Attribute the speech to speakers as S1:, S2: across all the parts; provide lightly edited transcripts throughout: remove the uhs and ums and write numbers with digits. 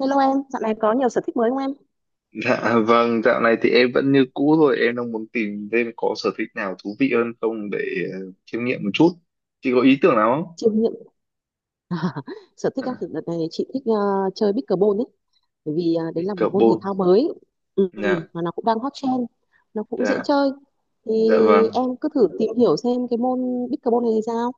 S1: Hello em, dạo này có nhiều sở thích mới không em?
S2: Dạ vâng, dạo này thì em vẫn như cũ thôi, em đang muốn tìm thêm có sở thích nào thú vị hơn không để ờ, chiêm nghiệm một chút. Chị có ý tưởng nào không?
S1: Chiêm nghiệm sở thích á, thì
S2: À,
S1: đợt này chị thích chơi pickleball ấy, bởi vì đấy là một môn thể
S2: pickleball.
S1: thao mới,
S2: Dạ,
S1: mà nó cũng đang hot trend, nó cũng dễ
S2: dạ,
S1: chơi. Thì
S2: dạ vâng.
S1: em cứ thử tìm hiểu xem cái môn pickleball này thì sao,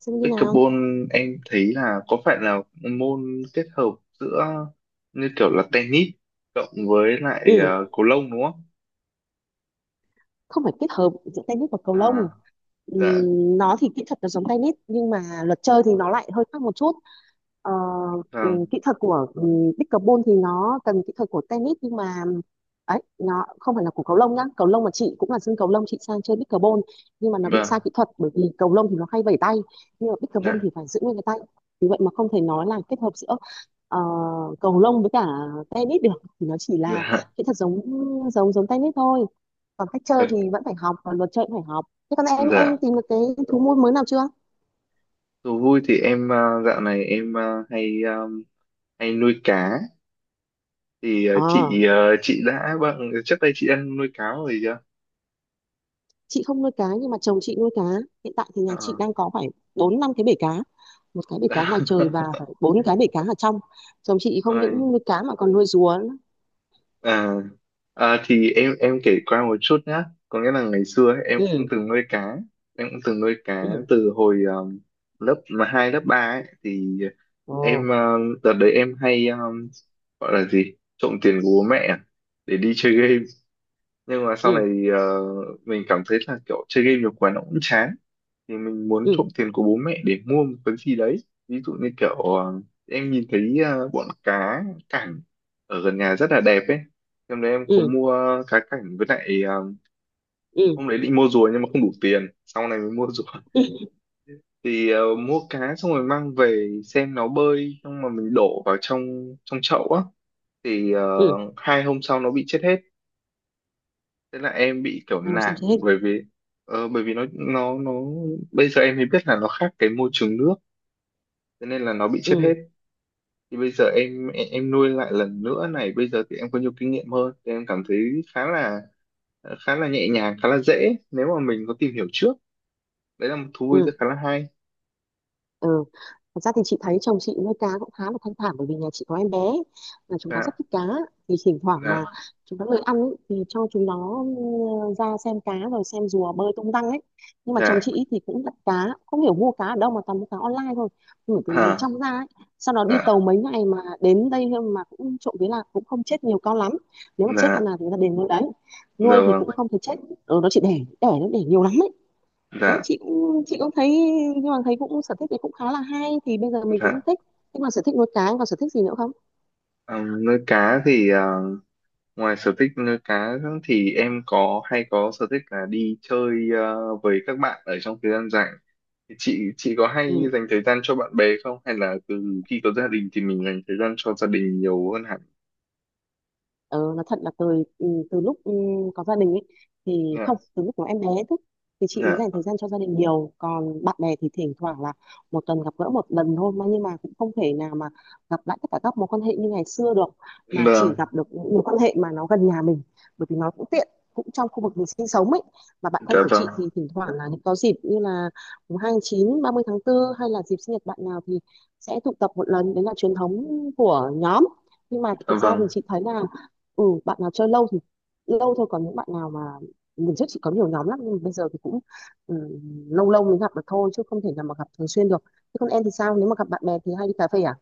S1: xem như nào.
S2: Pickleball em thấy là có phải là môn kết hợp giữa như kiểu là tennis cộng với lại
S1: Ừ,
S2: cầu lông đúng không?
S1: không phải kết hợp giữa tennis và cầu lông.
S2: À, dạ,
S1: Nó thì kỹ thuật nó giống tennis nhưng mà luật chơi thì nó lại hơi khác một chút. Ờ,
S2: vâng,
S1: Kỹ thuật của pickleball thì nó cần kỹ thuật của tennis nhưng mà ấy, nó không phải là của cầu lông nhá. Cầu lông mà chị cũng là sân cầu lông chị sang chơi pickleball nhưng mà nó bị sai
S2: vâng,
S1: kỹ thuật, bởi vì cầu lông thì nó hay vẩy tay nhưng mà pickleball
S2: dạ,
S1: thì phải giữ nguyên cái tay. Vì vậy mà không thể nói là kết hợp giữa ờ, cầu lông với cả tennis được, thì nó chỉ là
S2: dạ,
S1: kỹ thuật giống giống giống tennis thôi, còn cách chơi thì vẫn phải học, còn luật chơi cũng phải học. Thế còn em
S2: dạ.
S1: tìm được cái thú nuôi mới nào chưa?
S2: Thú vui thì em dạo này em hay hay nuôi cá thì
S1: Ờ,
S2: chị chị đã vâng trước đây chị ăn nuôi cáo rồi chưa.
S1: chị không nuôi cá nhưng mà chồng chị nuôi cá. Hiện tại thì nhà chị
S2: Ờ.
S1: đang có phải bốn năm cái bể cá, một cái bể cá ngoài trời và phải bốn cái bể cá ở trong. Chồng chị không những
S2: Ôi,
S1: nuôi cá mà còn nuôi rùa nữa.
S2: à, à, thì em kể qua một chút nhá, có nghĩa là ngày xưa ấy, em cũng
S1: Ừ,
S2: từng nuôi cá, em cũng từng nuôi cá
S1: ừ.
S2: từ hồi lớp mà hai lớp ba ấy, thì
S1: Ồ.
S2: em đợt đấy em hay gọi là gì trộm tiền của bố mẹ à, để đi chơi game, nhưng mà sau này
S1: Ừ,
S2: ờ, mình cảm thấy là kiểu chơi game nhiều quá nó cũng chán, thì mình muốn
S1: ừ,
S2: trộm tiền của bố mẹ để mua một cái gì đấy, ví dụ như kiểu em nhìn thấy bọn cá cảnh ở gần nhà rất là đẹp ấy, hôm đấy em có
S1: ừ,
S2: mua cá cảnh với lại
S1: ừ,
S2: hôm đấy định mua rùa nhưng mà không đủ tiền sau này mới mua rùa,
S1: ừ, ừ,
S2: thì mua cá xong rồi mang về xem nó bơi xong mà mình đổ vào trong trong chậu á, thì
S1: ừ.
S2: hai hôm sau nó bị chết hết, thế là em bị kiểu
S1: Ai làm sao
S2: nản,
S1: chị hết?
S2: bởi vì bởi vì nó bây giờ em mới biết là nó khác cái môi trường nước, thế nên là nó bị chết hết,
S1: Ừ,
S2: thì bây giờ em nuôi lại lần nữa này, bây giờ thì em có nhiều kinh nghiệm hơn thì em cảm thấy khá là khá là nhẹ nhàng, khá là dễ nếu mà mình có tìm hiểu trước, đấy là một thú vui rất
S1: ừ.
S2: khá là hay.
S1: Ừ, thật ra thì chị thấy chồng chị nuôi cá cũng khá là thanh thản, bởi vì nhà chị có em bé là chúng nó rất
S2: Dạ,
S1: thích cá. Thì thỉnh thoảng mà
S2: dạ,
S1: chúng nó lười ăn ấy, thì cho chúng nó ra xem cá rồi xem rùa bơi tung tăng ấy. Nhưng mà chồng
S2: dạ,
S1: chị ý thì cũng đặt cá, không hiểu mua cá ở đâu mà toàn mua cá online thôi, gửi từ miền
S2: à,
S1: trong ra ấy, sau đó đi tàu
S2: dạ,
S1: mấy ngày mà đến đây. Mà cũng trộm vía là cũng không chết nhiều con lắm, nếu mà chết con
S2: dạ,
S1: nào thì người ta đền. Nuôi đấy,
S2: dạ
S1: nuôi thì cũng
S2: vâng,
S1: không thể chết. Ừ, nó chỉ đẻ đẻ nó đẻ nhiều lắm ấy. Đấy,
S2: dạ,
S1: chị cũng thấy, nhưng mà thấy cũng sở thích này cũng khá là hay thì bây giờ mình cũng
S2: dạ.
S1: thích. Thế còn sở thích nuôi cá, còn sở thích gì nữa không?
S2: Nuôi cá thì ngoài sở thích nuôi cá thì em có hay có sở thích là đi chơi với các bạn ở trong thời gian rảnh. Thì chị có hay
S1: Ừ.
S2: dành thời gian cho bạn bè không? Hay là từ khi có gia đình thì mình dành thời gian cho gia đình nhiều hơn hẳn?
S1: Ờ, nói thật là từ lúc có gia đình ấy thì
S2: Dạ,
S1: không, từ lúc có em bé thôi thì chị mới
S2: dạ,
S1: dành thời gian cho gia đình nhiều, còn bạn bè thì thỉnh thoảng là một tuần gặp gỡ một lần thôi. Mà nhưng mà cũng không thể nào mà gặp lại tất cả các mối quan hệ như ngày xưa được, mà chỉ
S2: vâng,
S1: gặp được những mối quan hệ mà nó gần nhà mình, bởi vì nó cũng tiện, cũng trong khu vực mình sinh sống ấy. Mà bạn
S2: dạ
S1: thân của
S2: vâng,
S1: chị thì thỉnh thoảng là những có dịp như là 2/9, 30/4 hay là dịp sinh nhật bạn nào thì sẽ tụ tập một lần, đấy là truyền thống của nhóm. Nhưng mà
S2: dạ
S1: thực ra thì
S2: vâng,
S1: chị thấy là, ừ, bạn nào chơi lâu thì lâu thôi, còn những bạn nào mà mình trước chỉ có nhiều nhóm lắm nhưng bây giờ thì cũng ừ, lâu lâu mới gặp được thôi, chứ không thể nào mà gặp thường xuyên được. Thế còn em thì sao, nếu mà gặp bạn bè thì hay đi cà phê à?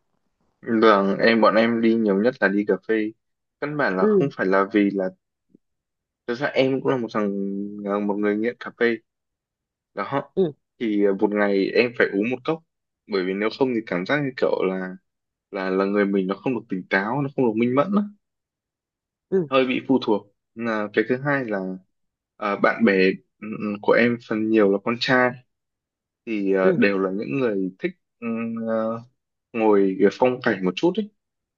S2: vâng. Em bọn em đi nhiều nhất là đi cà phê. Căn bản là
S1: Ừ,
S2: không phải là vì là thực ra em cũng là một thằng, là một người nghiện cà phê đó.
S1: ừ,
S2: Thì một ngày em phải uống một cốc, bởi vì nếu không thì cảm giác như kiểu là là người mình nó không được tỉnh táo, nó không được minh mẫn á,
S1: ừ,
S2: hơi bị phụ thuộc. Là cái thứ hai là à, bạn bè của em phần nhiều là con trai, thì
S1: ừ,
S2: đều là những người thích ừ, ờ, ngồi kiểu phong cảnh một chút ấy,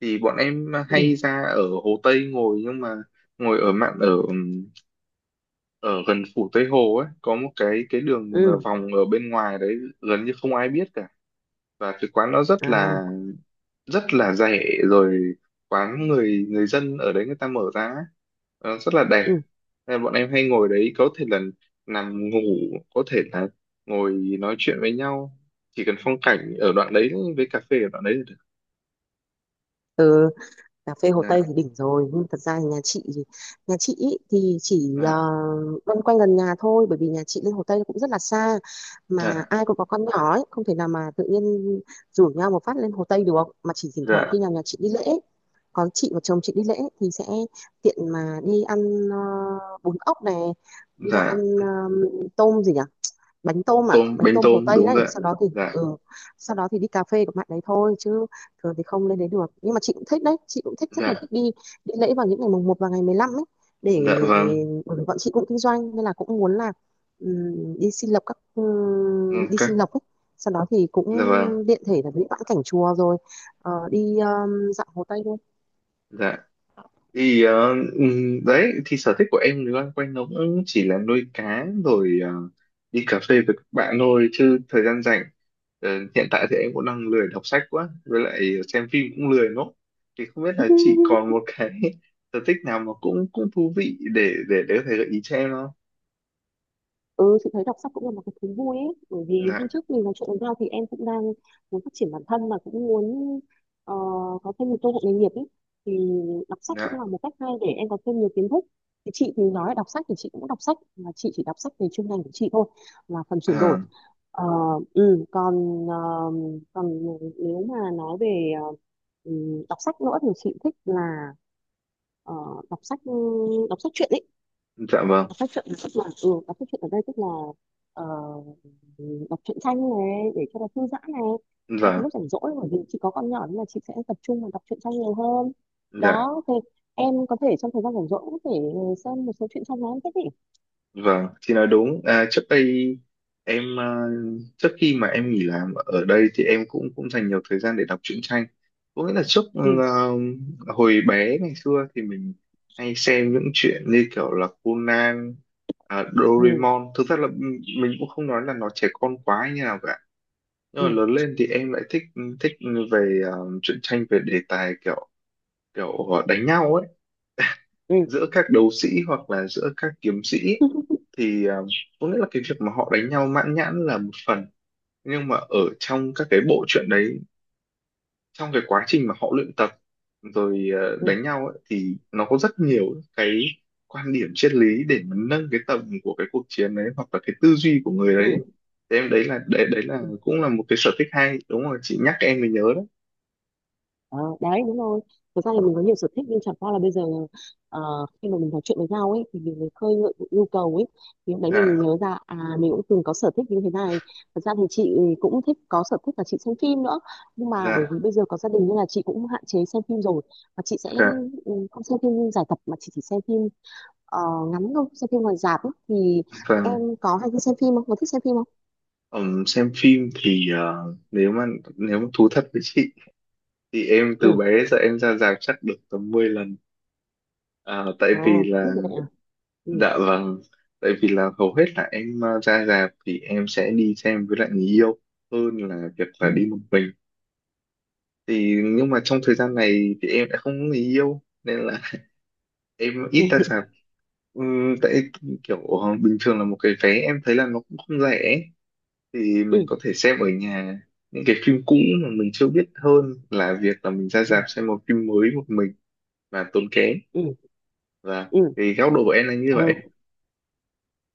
S2: thì bọn em
S1: ừ,
S2: hay ra ở Hồ Tây ngồi, nhưng mà ngồi ở mạn ở ở gần phủ Tây Hồ ấy có một cái đường à,
S1: ừ,
S2: vòng ở bên ngoài đấy gần như không ai biết cả, và cái quán nó
S1: à,
S2: rất là rẻ, rồi quán người người dân ở đấy người ta mở ra ấy. Ờ, rất là đẹp.
S1: ừ,
S2: Nên là bọn em hay ngồi đấy, có thể là nằm ngủ, có thể là ngồi nói chuyện với nhau, chỉ cần phong cảnh ở đoạn đấy với cà phê ở đoạn đấy là được.
S1: ừ. Cà phê Hồ Tây
S2: Dạ,
S1: thì đỉnh rồi, nhưng thật ra thì nhà chị ý thì chỉ
S2: dạ,
S1: loanh quanh gần nhà thôi, bởi vì nhà chị lên Hồ Tây cũng rất là xa, mà
S2: dạ,
S1: ai cũng có con nhỏ ấy, không thể nào mà tự nhiên rủ nhau một phát lên Hồ Tây được. Mà chỉ thỉnh thoảng
S2: dạ,
S1: khi nào nhà chị đi lễ, còn chị và chồng chị đi lễ thì sẽ tiện mà đi ăn ờ, bún ốc này, đi vào ăn
S2: dạ,
S1: tôm gì nhỉ, bánh tôm, à
S2: tôm
S1: bánh
S2: bánh
S1: tôm Hồ
S2: tôm
S1: Tây
S2: đúng
S1: đấy.
S2: rồi ạ.
S1: Sau đó thì
S2: Dạ,
S1: đi cà phê của bạn đấy thôi, chứ thường thì không lên đấy được. Nhưng mà chị cũng thích đấy, chị cũng thích rất là
S2: dạ,
S1: thích đi đi lễ vào những ngày mùng 1 và ngày 15 ấy,
S2: dạ
S1: để,
S2: vâng,
S1: bởi vì bọn chị cũng kinh doanh nên là cũng muốn là, đi xin
S2: ok,
S1: lộc ấy, sau đó thì cũng
S2: dạ vâng,
S1: tiện thể là đi vãn cảnh chùa rồi đi dạo Hồ Tây thôi.
S2: dạ, thì đấy thì sở thích của em thì loanh quanh nó cũng chỉ là nuôi cá rồi đi cà phê với các bạn thôi, chứ thời gian rảnh ờ, hiện tại thì em cũng đang lười đọc sách quá, với lại xem phim cũng lười lắm, thì không biết là chị còn một cái sở thích nào mà cũng cũng thú vị để để có thể gợi ý cho em không.
S1: Ừ, chị thấy đọc sách cũng là một cái thú vui ấy, bởi vì hôm
S2: Dạ,
S1: trước mình nói chuyện với nhau thì em cũng đang muốn phát triển bản thân, mà cũng muốn ờ, có thêm một cơ hội nghề nghiệp ấy, thì đọc sách cũng
S2: dạ,
S1: là một cách hay để em có thêm nhiều kiến thức. Thì chị thì nói đọc sách thì chị cũng đọc sách, mà chị chỉ đọc sách về chuyên ngành của chị thôi, là phần chuyển đổi.
S2: à,
S1: Ờ, ừ, còn ờ, còn nếu mà nói về ừ, đọc sách nữa thì chị thích là ờ, đọc sách đọc sách truyện ấy.
S2: dạ vâng,
S1: Đọc sách truyện tức là, ừ, đọc sách truyện ở đây tức là ờ, ừ, đọc truyện tranh này để cho nó thư giãn này, cho cái
S2: dạ,
S1: lúc rảnh rỗi, bởi vì chị có con nhỏ nên là chị sẽ tập trung vào đọc truyện tranh nhiều hơn.
S2: dạ.
S1: Đó, thì em có thể trong thời gian rảnh rỗi cũng có thể xem một số truyện tranh mà em thích ý.
S2: Vâng, chị nói đúng. À, trước đây em à, trước khi mà em nghỉ làm ở đây thì em cũng cũng dành nhiều thời gian để đọc truyện tranh. Có nghĩa là trước
S1: Ừ,
S2: à, hồi bé ngày xưa thì mình hay xem những chuyện như kiểu là Conan, à,
S1: ừ,
S2: Doraemon. Thực ra là mình cũng không nói là nó trẻ con quá như nào cả. Nhưng mà
S1: ừ,
S2: lớn lên thì em lại thích thích về à, truyện tranh về đề tài kiểu kiểu đánh nhau ấy,
S1: ừ.
S2: giữa các đấu sĩ hoặc là giữa các kiếm sĩ, thì à, có nghĩa là cái việc mà họ đánh nhau mãn nhãn là một phần, nhưng mà ở trong các cái bộ truyện đấy, trong cái quá trình mà họ luyện tập rồi
S1: Ừ,
S2: đánh nhau ấy, thì nó có rất nhiều cái quan điểm triết lý để mà nâng cái tầm của cái cuộc chiến đấy, hoặc là cái tư duy của người đấy,
S1: ừ.
S2: thế em đấy là đấy là cũng là một cái sở thích hay, đúng rồi chị nhắc em mới nhớ đó.
S1: Ờ, đấy đúng rồi. Thực ra là mình có nhiều sở thích nhưng chẳng qua là bây giờ, ờ, khi mà mình nói chuyện với nhau ấy thì mình mới khơi gợi những nhu cầu ấy, thì lúc đấy mình mới
S2: Dạ,
S1: nhớ ra, à mình cũng từng có sở thích như thế này. Thật ra thì chị cũng thích, có sở thích là chị xem phim nữa, nhưng mà bởi
S2: dạ,
S1: vì bây giờ có gia đình nên là chị cũng hạn chế xem phim rồi, và chị sẽ
S2: dạ
S1: không xem phim giải tập, mà chị chỉ xem phim ờ, ngắn thôi, xem phim ngoài rạp ấy. Thì
S2: và
S1: em có hay đi xem phim không, có thích xem phim không?
S2: xem phim thì nếu mà thú thật với chị, thì em từ
S1: Ừ.
S2: bé giờ em ra rạp chắc được tầm 10 lần. À, tại
S1: Ờ,
S2: vì
S1: biết
S2: là,
S1: rồi đấy à. Ừ,
S2: dạ vâng, tại vì là hầu hết là em ra rạp thì em sẽ đi xem với lại người yêu hơn là việc
S1: ừ,
S2: là đi một mình. Thì nhưng mà trong thời gian này thì em đã không có người yêu nên là em
S1: ừ.
S2: ít ra rạp. Tại kiểu bình thường là một cái vé em thấy là nó cũng không rẻ, thì
S1: Ừ,
S2: mình có thể xem ở nhà những cái phim cũ mà mình chưa biết, hơn là việc là mình ra
S1: ừ,
S2: rạp xem một phim mới một mình và tốn kém.
S1: ừ,
S2: Dạ, thì góc độ của em là như vậy.
S1: ừ.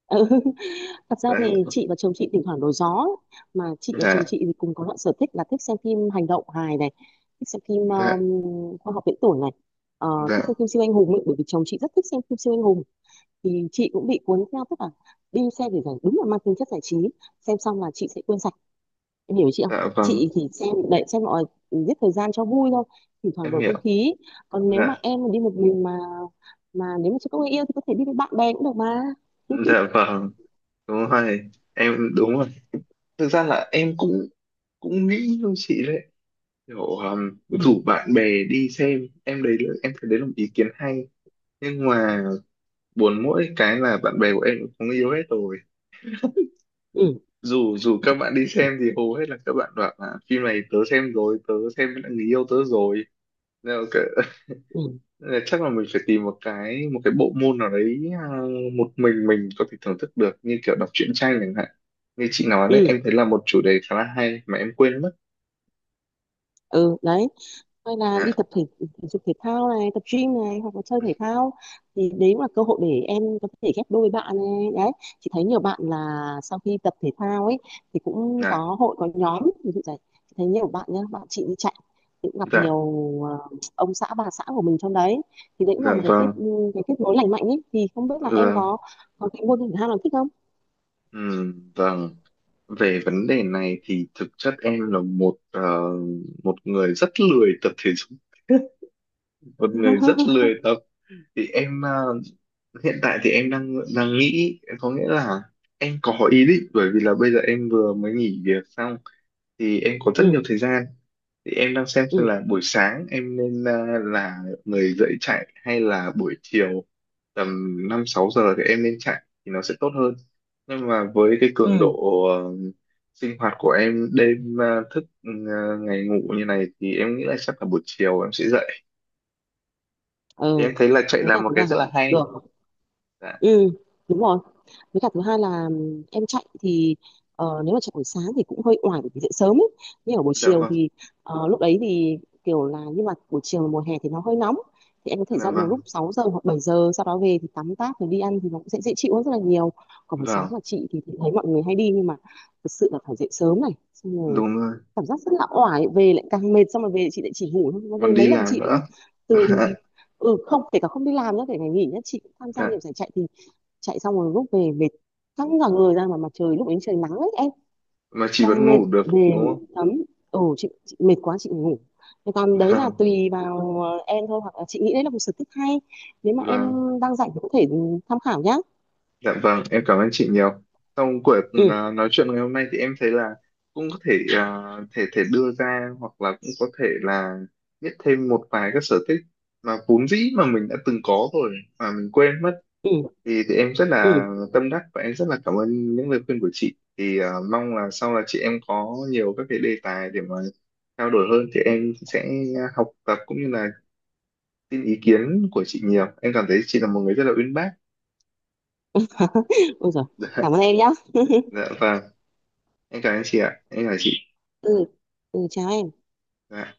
S1: Ừ, thật ra
S2: Dạ,
S1: thì chị và chồng chị thỉnh thoảng đổi gió ấy. Mà chị và chồng
S2: dạ,
S1: chị thì cùng có loại sở thích là thích xem phim hành động hài này, thích xem phim
S2: dạ,
S1: khoa học viễn tưởng này, ờ, thích xem
S2: dạ,
S1: phim siêu anh hùng ấy, bởi vì chồng chị rất thích xem phim siêu anh hùng, thì chị cũng bị cuốn theo. Tức là đi xem để giải, đúng là mang tính chất giải trí, xem xong là chị sẽ quên sạch, em hiểu ý chị không?
S2: dạ vâng,
S1: Chị thì xem để xem mọi giết thời gian cho vui thôi, thỉnh thoảng
S2: em
S1: đổi không
S2: hiểu.
S1: khí. Còn nếu mà
S2: Dạ,
S1: em mà đi một mình mà nếu mà chưa có người yêu thì có thể đi với bạn bè cũng được mà.
S2: dạ vâng, đúng rồi, em đúng rồi. Thực ra là em cũng cũng nghĩ như chị đấy, kiểu
S1: Ừ,
S2: rủ bạn bè đi xem, em đấy là- em thấy đấy là một ý kiến hay. Nhưng mà buồn mỗi cái là bạn bè của em cũng có người yêu hết rồi.
S1: ừ,
S2: Dù dù các bạn đi xem thì hầu hết là các bạn bảo là phim này tớ xem rồi, tớ xem với lại người yêu tớ rồi.
S1: ừ,
S2: Nên chắc là mình phải tìm một cái bộ môn nào đấy à, một mình có thể thưởng thức được, như kiểu đọc truyện tranh chẳng hạn như chị nói đấy,
S1: ừ,
S2: em thấy là một chủ đề khá là hay mà em quên mất.
S1: ừ. Đấy, hay là đi
S2: Dạ,
S1: tập thể thể dục thể thao này, tập gym này, hoặc là chơi thể thao thì đấy cũng là cơ hội để em có thể ghép đôi bạn này. Đấy, chị thấy nhiều bạn là sau khi tập thể thao ấy thì cũng
S2: dạ,
S1: có hội có nhóm, ví dụ vậy. Chị thấy nhiều bạn nhá, bạn chị đi chạy thì cũng gặp
S2: dạ,
S1: nhiều ờ, ông xã bà xã của mình trong đấy, thì đấy cũng là
S2: dạ
S1: một
S2: vâng,
S1: cái kết nối lành mạnh ấy. Thì không biết là em
S2: dạ,
S1: có cái môn thể thao nào thích không?
S2: vâng. Về vấn đề này thì thực chất em là một một người rất lười tập thể dục, một người rất lười tập, thì em à, hiện tại thì em đang đang nghĩ, có nghĩa là em có ý định, bởi vì là bây giờ em vừa mới nghỉ việc xong thì em có rất
S1: Ừ,
S2: nhiều thời gian, thì em đang xem
S1: ừ,
S2: là buổi sáng em nên à, là người dậy chạy hay là buổi chiều tầm 5-6 giờ thì em nên chạy thì nó sẽ tốt hơn. Nhưng mà với cái cường độ
S1: ừ,
S2: ờ, sinh hoạt của em đêm à, thức à, ngày ngủ như này thì em nghĩ là chắc là buổi chiều em sẽ dậy. Thì
S1: ừ.
S2: em thấy là chạy
S1: Với
S2: là
S1: cả
S2: một
S1: chúng
S2: cái
S1: ta
S2: rất là hay.
S1: được.
S2: Dạ,
S1: Ừ, đúng rồi. Với cả thứ hai là em chạy thì nếu mà chạy buổi sáng thì cũng hơi oải bởi vì dậy sớm ấy, nhưng ở buổi
S2: dạ
S1: chiều
S2: vâng,
S1: thì ờ, lúc đấy thì kiểu là, nhưng mà buổi chiều mùa hè thì nó hơi nóng, thì em có thể
S2: dạ
S1: ra đường
S2: vâng,
S1: lúc 6 giờ hoặc 7 giờ, sau đó về thì tắm táp rồi đi ăn thì nó cũng sẽ dễ chịu hơn rất là nhiều. Còn buổi sáng
S2: vâng.
S1: mà chị thì thấy mọi người hay đi, nhưng mà thực sự là phải dậy sớm này, xong rồi
S2: Đúng rồi,
S1: cảm giác rất là oải, về lại càng mệt, xong rồi về chị lại chỉ ngủ thôi. Mà về
S2: còn
S1: mấy
S2: đi
S1: lần
S2: làm
S1: chị cũng
S2: nữa.
S1: từ ừ, không kể cả không đi làm nữa, kể cả nghỉ nhá, chị cũng tham gia nhiều
S2: Dạ.
S1: giải chạy, thì chạy xong rồi lúc về mệt, căng cả người ra, mà mặt trời lúc ấy trời nắng ấy em,
S2: Mà chị
S1: càng
S2: vẫn
S1: mệt.
S2: ngủ được đúng
S1: Về
S2: không.
S1: tắm, ừ, chị mệt quá chị ngủ. Thế còn đấy là
S2: Vâng,
S1: tùy vào em thôi, hoặc là chị nghĩ đấy là một sở thích hay, nếu mà em
S2: vâng,
S1: đang rảnh thì có thể tham khảo nhá.
S2: dạ vâng, em cảm ơn chị nhiều, sau cuộc
S1: Ừ,
S2: à, nói chuyện ngày hôm nay thì em thấy là cũng có thể à, thể thể đưa ra, hoặc là cũng có thể là biết thêm một vài các sở thích mà vốn dĩ mà mình đã từng có rồi mà mình quên mất,
S1: ừ,
S2: thì, em rất
S1: ừ.
S2: là tâm đắc và em rất là cảm ơn những lời khuyên của chị, thì mong là sau là chị em có nhiều các cái đề tài để mà trao đổi hơn, thì em sẽ học tập cũng như là xin ý kiến của chị nhiều, em cảm thấy chị là một người rất là uyên bác.
S1: Ôi giời,
S2: Dạ,
S1: cảm ơn em nhá.
S2: dạ vâng em cảm ơn chị ạ, em cảm ơn chị.
S1: Ừ, ừ, chào em.
S2: Dạ.